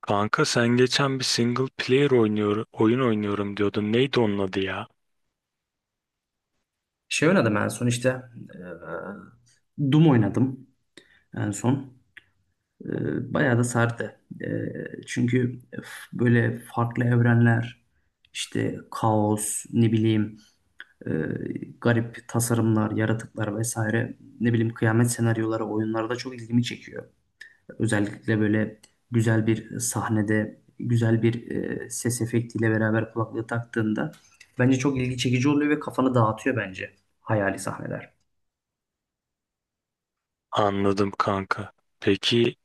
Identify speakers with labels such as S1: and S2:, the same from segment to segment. S1: Kanka sen geçen bir single player oynuyor, oyun oynuyorum diyordun. Neydi onun adı ya?
S2: Oynadım en son işte. Doom oynadım en son. Bayağı da sardı. Çünkü böyle farklı evrenler, işte kaos, ne bileyim, e, garip tasarımlar, yaratıklar vesaire. Ne bileyim, kıyamet senaryoları oyunlarda çok ilgimi çekiyor. Özellikle böyle güzel bir sahnede, güzel bir ses efektiyle beraber kulaklığı taktığında bence çok ilgi çekici oluyor ve kafanı dağıtıyor bence hayali sahneler.
S1: Anladım kanka. Peki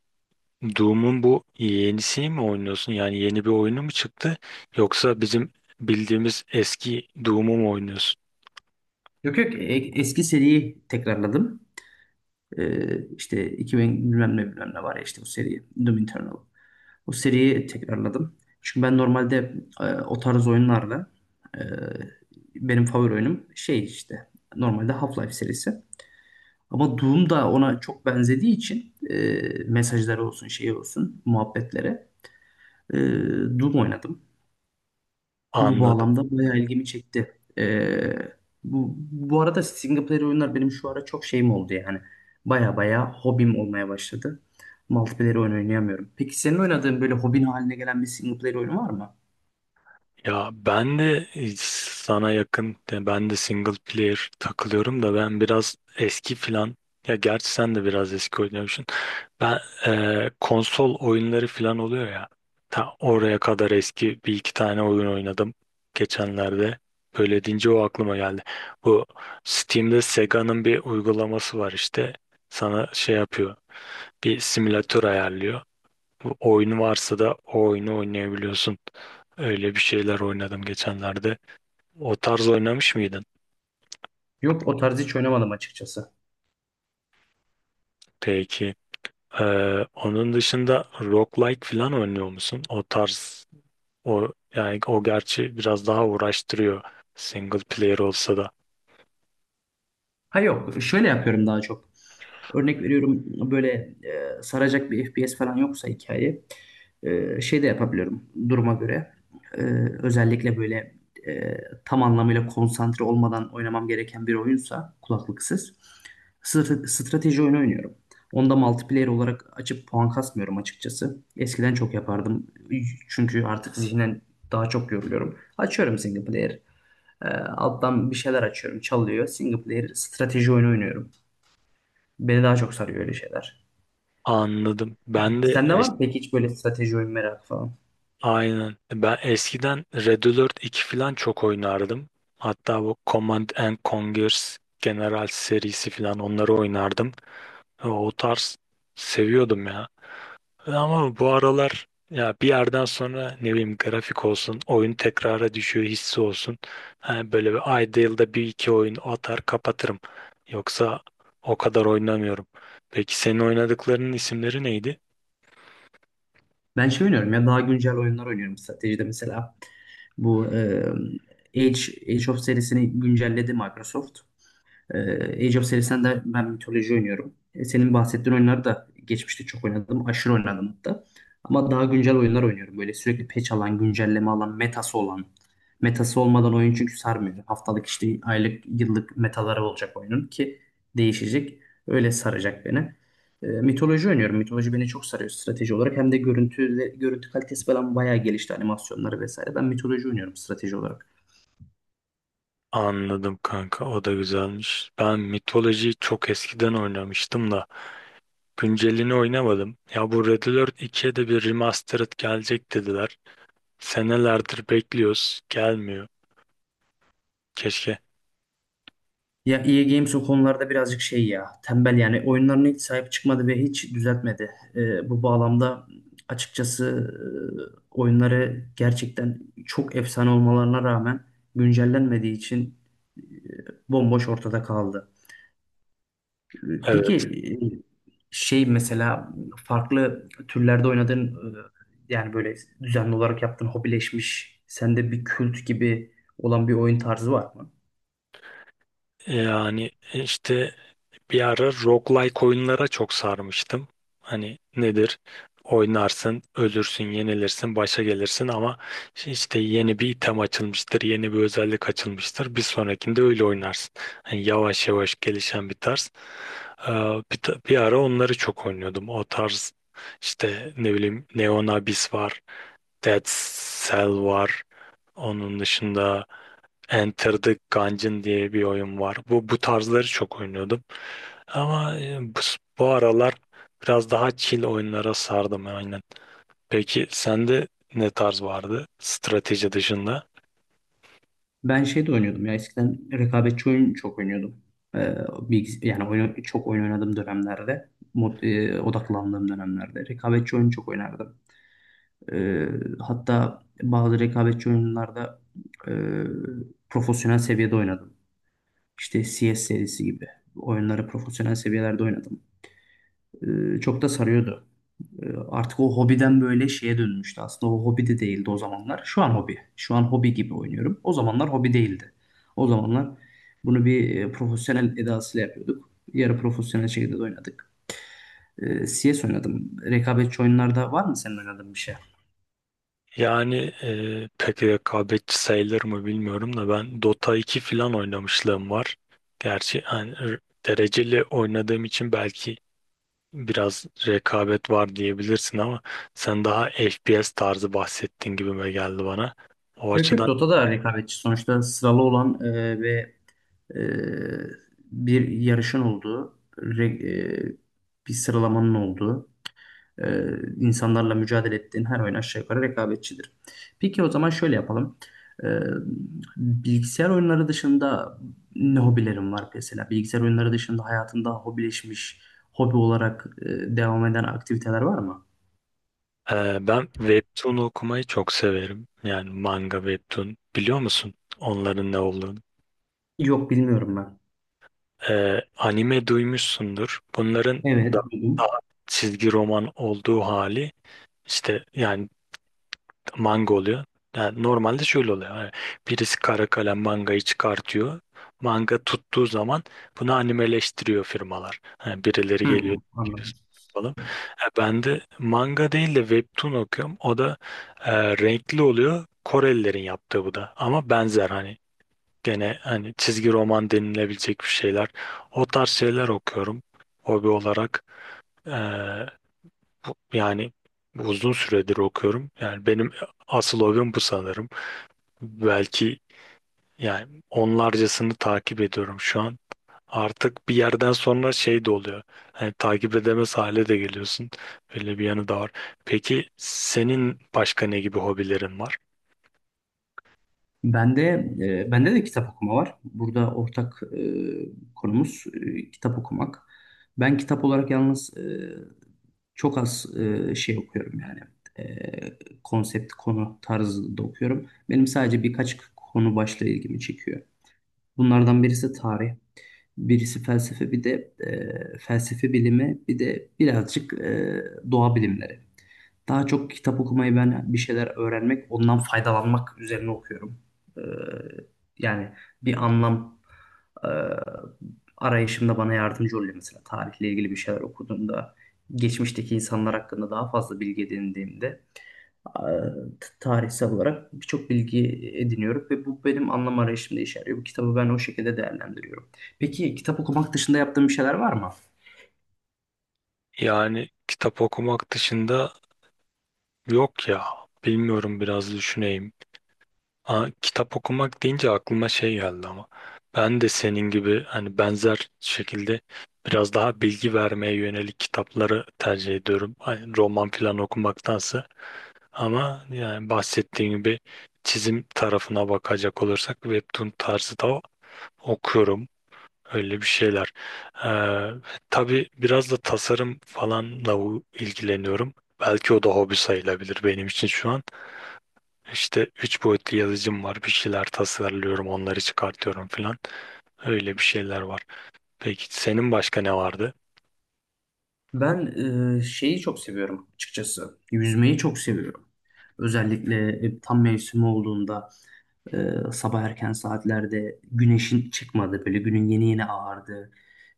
S1: Doom'un bu yenisini mi oynuyorsun? Yani yeni bir oyunu mu çıktı? Yoksa bizim bildiğimiz eski Doom'u mu oynuyorsun?
S2: Yok yok, eski seriyi tekrarladım. İşte 2000 bilmem ne bilmem ne var ya işte o seri Doom Eternal. O seriyi tekrarladım. Çünkü ben normalde o tarz oyunlarla e, benim favori oyunum şey işte normalde Half-Life serisi. Ama Doom da ona çok benzediği için mesajları olsun şeyi olsun muhabbetlere, e, Doom oynadım. Bu
S1: Anladım.
S2: bağlamda bayağı ilgimi çekti. Bu arada single player oyunlar benim şu ara çok şeyim oldu yani. Baya baya hobim olmaya başladı. Multiplayer oyun oynayamıyorum. Peki senin oynadığın böyle hobin haline gelen bir single player oyun var mı?
S1: Ya ben de sana yakın, yani ben de single player takılıyorum da ben biraz eski filan. Ya gerçi sen de biraz eski oynuyormuşsun. Ben konsol oyunları filan oluyor ya. Ta oraya kadar eski bir iki tane oyun oynadım geçenlerde. Böyle deyince o aklıma geldi. Bu Steam'de Sega'nın bir uygulaması var işte. Sana şey yapıyor. Bir simülatör ayarlıyor. Bu oyunu varsa da o oyunu oynayabiliyorsun. Öyle bir şeyler oynadım geçenlerde. O tarz oynamış mıydın?
S2: Yok, o tarz hiç oynamadım açıkçası.
S1: Peki. Ee, Onun dışında roguelike falan oynuyor musun? O tarz o, yani o gerçi biraz daha uğraştırıyor single player olsa da.
S2: Ha yok, şöyle yapıyorum daha çok. Örnek veriyorum, böyle saracak bir FPS falan yoksa hikaye, şey de yapabiliyorum duruma göre. E, Özellikle böyle e, tam anlamıyla konsantre olmadan oynamam gereken bir oyunsa kulaklıksız strateji oyunu oynuyorum. Onda multiplayer olarak açıp puan kasmıyorum açıkçası. Eskiden çok yapardım. Çünkü artık zihnen daha çok yoruluyorum. Açıyorum single player. Alttan bir şeyler açıyorum. Çalıyor. Single player strateji oyunu oynuyorum. Beni daha çok sarıyor öyle şeyler.
S1: Anladım.
S2: Sende var mı peki hiç böyle strateji oyun merakı falan?
S1: Aynen. Ben eskiden Red Alert 2 falan çok oynardım. Hatta bu Command and Conquer General serisi falan, onları oynardım. Ha, o tarz seviyordum ya. Ama bu aralar ya bir yerden sonra ne bileyim grafik olsun, oyun tekrara düşüyor hissi olsun. Ha, böyle bir ayda yılda bir iki oyun atar kapatırım. Yoksa o kadar oynamıyorum. Peki senin oynadıklarının isimleri neydi?
S2: Ben şey oynuyorum ya, daha güncel oyunlar oynuyorum stratejide mesela. Bu Age, Age of serisini güncelledi Microsoft. Age of serisinden de ben mitoloji oynuyorum. E, senin bahsettiğin oyunları da geçmişte çok oynadım. Aşırı oynadım hatta. Ama daha güncel oyunlar oynuyorum. Böyle sürekli patch alan, güncelleme alan, metası olan. Metası olmadan oyun çünkü sarmıyor. Haftalık, işte aylık, yıllık metaları olacak oyunun ki değişecek. Öyle saracak beni. Mitoloji oynuyorum. Mitoloji beni çok sarıyor strateji olarak. Hem de görüntü, görüntü kalitesi falan bayağı gelişti, animasyonları vesaire. Ben mitoloji oynuyorum strateji olarak.
S1: Anladım kanka, o da güzelmiş. Ben mitolojiyi çok eskiden oynamıştım da güncelini oynamadım. Ya bu Red Alert 2'ye de bir remastered gelecek dediler. Senelerdir bekliyoruz, gelmiyor. Keşke.
S2: Ya EA Games o konularda birazcık şey ya, tembel yani, oyunlarına hiç sahip çıkmadı ve hiç düzeltmedi. Bu bağlamda açıkçası oyunları gerçekten çok efsane olmalarına rağmen güncellenmediği için e, bomboş ortada kaldı. Peki,
S1: Evet.
S2: şey mesela, farklı türlerde oynadığın, yani böyle düzenli olarak yaptığın, hobileşmiş sende bir kült gibi olan bir oyun tarzı var mı?
S1: Yani işte bir ara roguelike oyunlara çok sarmıştım. Hani nedir? Oynarsın, ölürsün, yenilirsin, başa gelirsin ama işte işte yeni bir item açılmıştır, yeni bir özellik açılmıştır. Bir sonrakinde öyle oynarsın. Hani yavaş yavaş gelişen bir tarz. Ee, Bir ara onları çok oynuyordum. O tarz işte ne bileyim Neon Abyss var, Dead Cell var. Onun dışında Enter the Gungeon diye bir oyun var. Bu tarzları çok oynuyordum. Ama bu aralar biraz daha chill oyunlara sardım aynen. Peki sende ne tarz vardı strateji dışında?
S2: Ben şey de oynuyordum ya, eskiden rekabetçi oyun çok oynuyordum. Ee, Yani oyun, çok oyun oynadığım dönemlerde, odaklandığım dönemlerde rekabetçi oyun çok oynardım. Ee, Hatta bazı rekabetçi oyunlarda e, profesyonel seviyede oynadım. İşte CS serisi gibi oyunları profesyonel seviyelerde oynadım. Çok da sarıyordu. Artık o hobiden böyle şeye dönmüştü. Aslında o hobi de değildi o zamanlar. Şu an hobi. Şu an hobi gibi oynuyorum. O zamanlar hobi değildi. O zamanlar bunu bir profesyonel edasıyla yapıyorduk. Yarı profesyonel şekilde de oynadık. CS oynadım. Rekabetçi oyunlarda var mı senin oynadığın bir şey?
S1: Yani pek rekabetçi sayılır mı bilmiyorum da ben Dota iki falan oynamışlığım var. Gerçi hani, dereceli oynadığım için belki biraz rekabet var diyebilirsin ama sen daha FPS tarzı bahsettiğin gibime geldi bana. O
S2: Yok yok,
S1: açıdan
S2: Dota da rekabetçi. Sonuçta sıralı olan ve e, bir yarışın olduğu, e, bir sıralamanın olduğu, Ee, insanlarla mücadele ettiğin her oyun aşağı yukarı rekabetçidir. Peki o zaman şöyle yapalım. Ee, Bilgisayar oyunları dışında ne hobilerin var mesela? Bilgisayar oyunları dışında hayatında hobileşmiş, hobi olarak devam eden aktiviteler var mı?
S1: Ben webtoon okumayı çok severim. Yani manga webtoon. Biliyor musun onların ne olduğunu?
S2: Yok, bilmiyorum ben.
S1: Anime duymuşsundur. Bunların da
S2: Evet, duydum.
S1: daha çizgi roman olduğu hali işte, yani manga oluyor. Yani normalde şöyle oluyor. Hani birisi kara kalem mangayı çıkartıyor. Manga tuttuğu zaman bunu animeleştiriyor firmalar. Hani birileri geliyor,
S2: Hmm,
S1: "Biz
S2: anladım.
S1: yapalım." Ben de manga değil de webtoon okuyorum. O da renkli oluyor. Korelilerin yaptığı bu da. Ama benzer, hani gene hani çizgi roman denilebilecek bir şeyler. O tarz şeyler okuyorum hobi olarak. E, Yani uzun süredir okuyorum. Yani benim asıl hobim bu sanırım. Belki, yani onlarcasını takip ediyorum şu an. Artık bir yerden sonra şey de oluyor. Hani takip edemez hale de geliyorsun. Böyle bir yanı da var. Peki senin başka ne gibi hobilerin var?
S2: Bende, bende de kitap okuma var. Burada ortak konumuz kitap okumak. Ben kitap olarak yalnız, çok az şey okuyorum yani. E, Konsept, konu tarzında okuyorum. Benim sadece birkaç konu başlığı ilgimi çekiyor. Bunlardan birisi tarih, birisi felsefe, bir de felsefe bilimi, bir de birazcık doğa bilimleri. Daha çok kitap okumayı ben bir şeyler öğrenmek, ondan faydalanmak üzerine okuyorum. Ee, Yani bir anlam e, arayışımda bana yardımcı oluyor. Mesela tarihle ilgili bir şeyler okuduğumda, geçmişteki insanlar hakkında daha fazla bilgi edindiğimde, e, tarihsel olarak birçok bilgi ediniyorum ve bu benim anlam arayışımda işe yarıyor. Bu kitabı ben o şekilde değerlendiriyorum. Peki kitap okumak dışında yaptığın bir şeyler var mı?
S1: Yani kitap okumak dışında yok ya. Bilmiyorum, biraz düşüneyim. Aa, kitap okumak deyince aklıma şey geldi ama ben de senin gibi hani benzer şekilde biraz daha bilgi vermeye yönelik kitapları tercih ediyorum. Hani roman falan okumaktansa. Ama yani bahsettiğim gibi çizim tarafına bakacak olursak webtoon tarzı da okuyorum. Öyle bir şeyler. Ee, tabii biraz da tasarım falanla ilgileniyorum. Belki o da hobi sayılabilir benim için şu an. İşte üç boyutlu yazıcım var. Bir şeyler tasarlıyorum, onları çıkartıyorum falan. Öyle bir şeyler var. Peki senin başka ne vardı?
S2: Ben, şeyi çok seviyorum açıkçası. Yüzmeyi çok seviyorum. Özellikle tam mevsimi olduğunda, e, sabah erken saatlerde güneşin çıkmadı, böyle günün yeni yeni ağardı,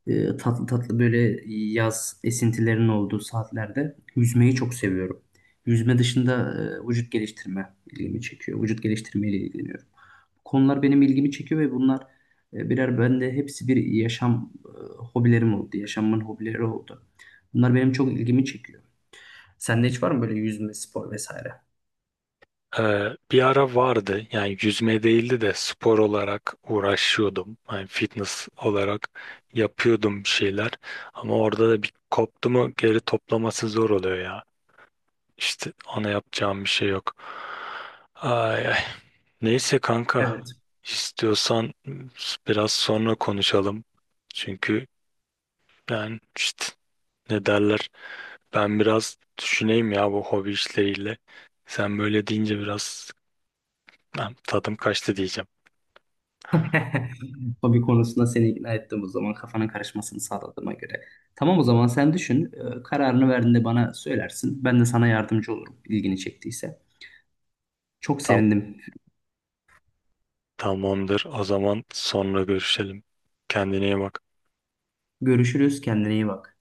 S2: tatlı tatlı böyle yaz esintilerinin olduğu saatlerde yüzmeyi çok seviyorum. Yüzme dışında vücut geliştirme ilgimi çekiyor. Vücut geliştirmeyle ilgileniyorum, konular benim ilgimi çekiyor ve bunlar birer bende hepsi bir yaşam hobilerim oldu. Yaşamın hobileri oldu. Bunlar benim çok ilgimi çekiyor. Sende hiç var mı böyle yüzme, spor vesaire?
S1: Bir ara vardı. Yani yüzme değildi de spor olarak uğraşıyordum. Yani fitness olarak yapıyordum bir şeyler. Ama orada da bir koptu mu geri toplaması zor oluyor ya. İşte ona yapacağım bir şey yok. Ay, ay. Neyse kanka,
S2: Evet.
S1: istiyorsan biraz sonra konuşalım. Çünkü ben işte, ne derler, ben biraz düşüneyim ya bu hobi işleriyle. Sen böyle deyince biraz ben tadım kaçtı diyeceğim.
S2: Hobi konusunda seni ikna ettim o zaman, kafanın karışmasını sağladığıma göre. Tamam, o zaman sen düşün. Kararını verdiğinde bana söylersin. Ben de sana yardımcı olurum ilgini çektiyse. Çok
S1: Tamam,
S2: sevindim.
S1: tamamdır o zaman, sonra görüşelim. Kendine iyi bak.
S2: Görüşürüz. Kendine iyi bak.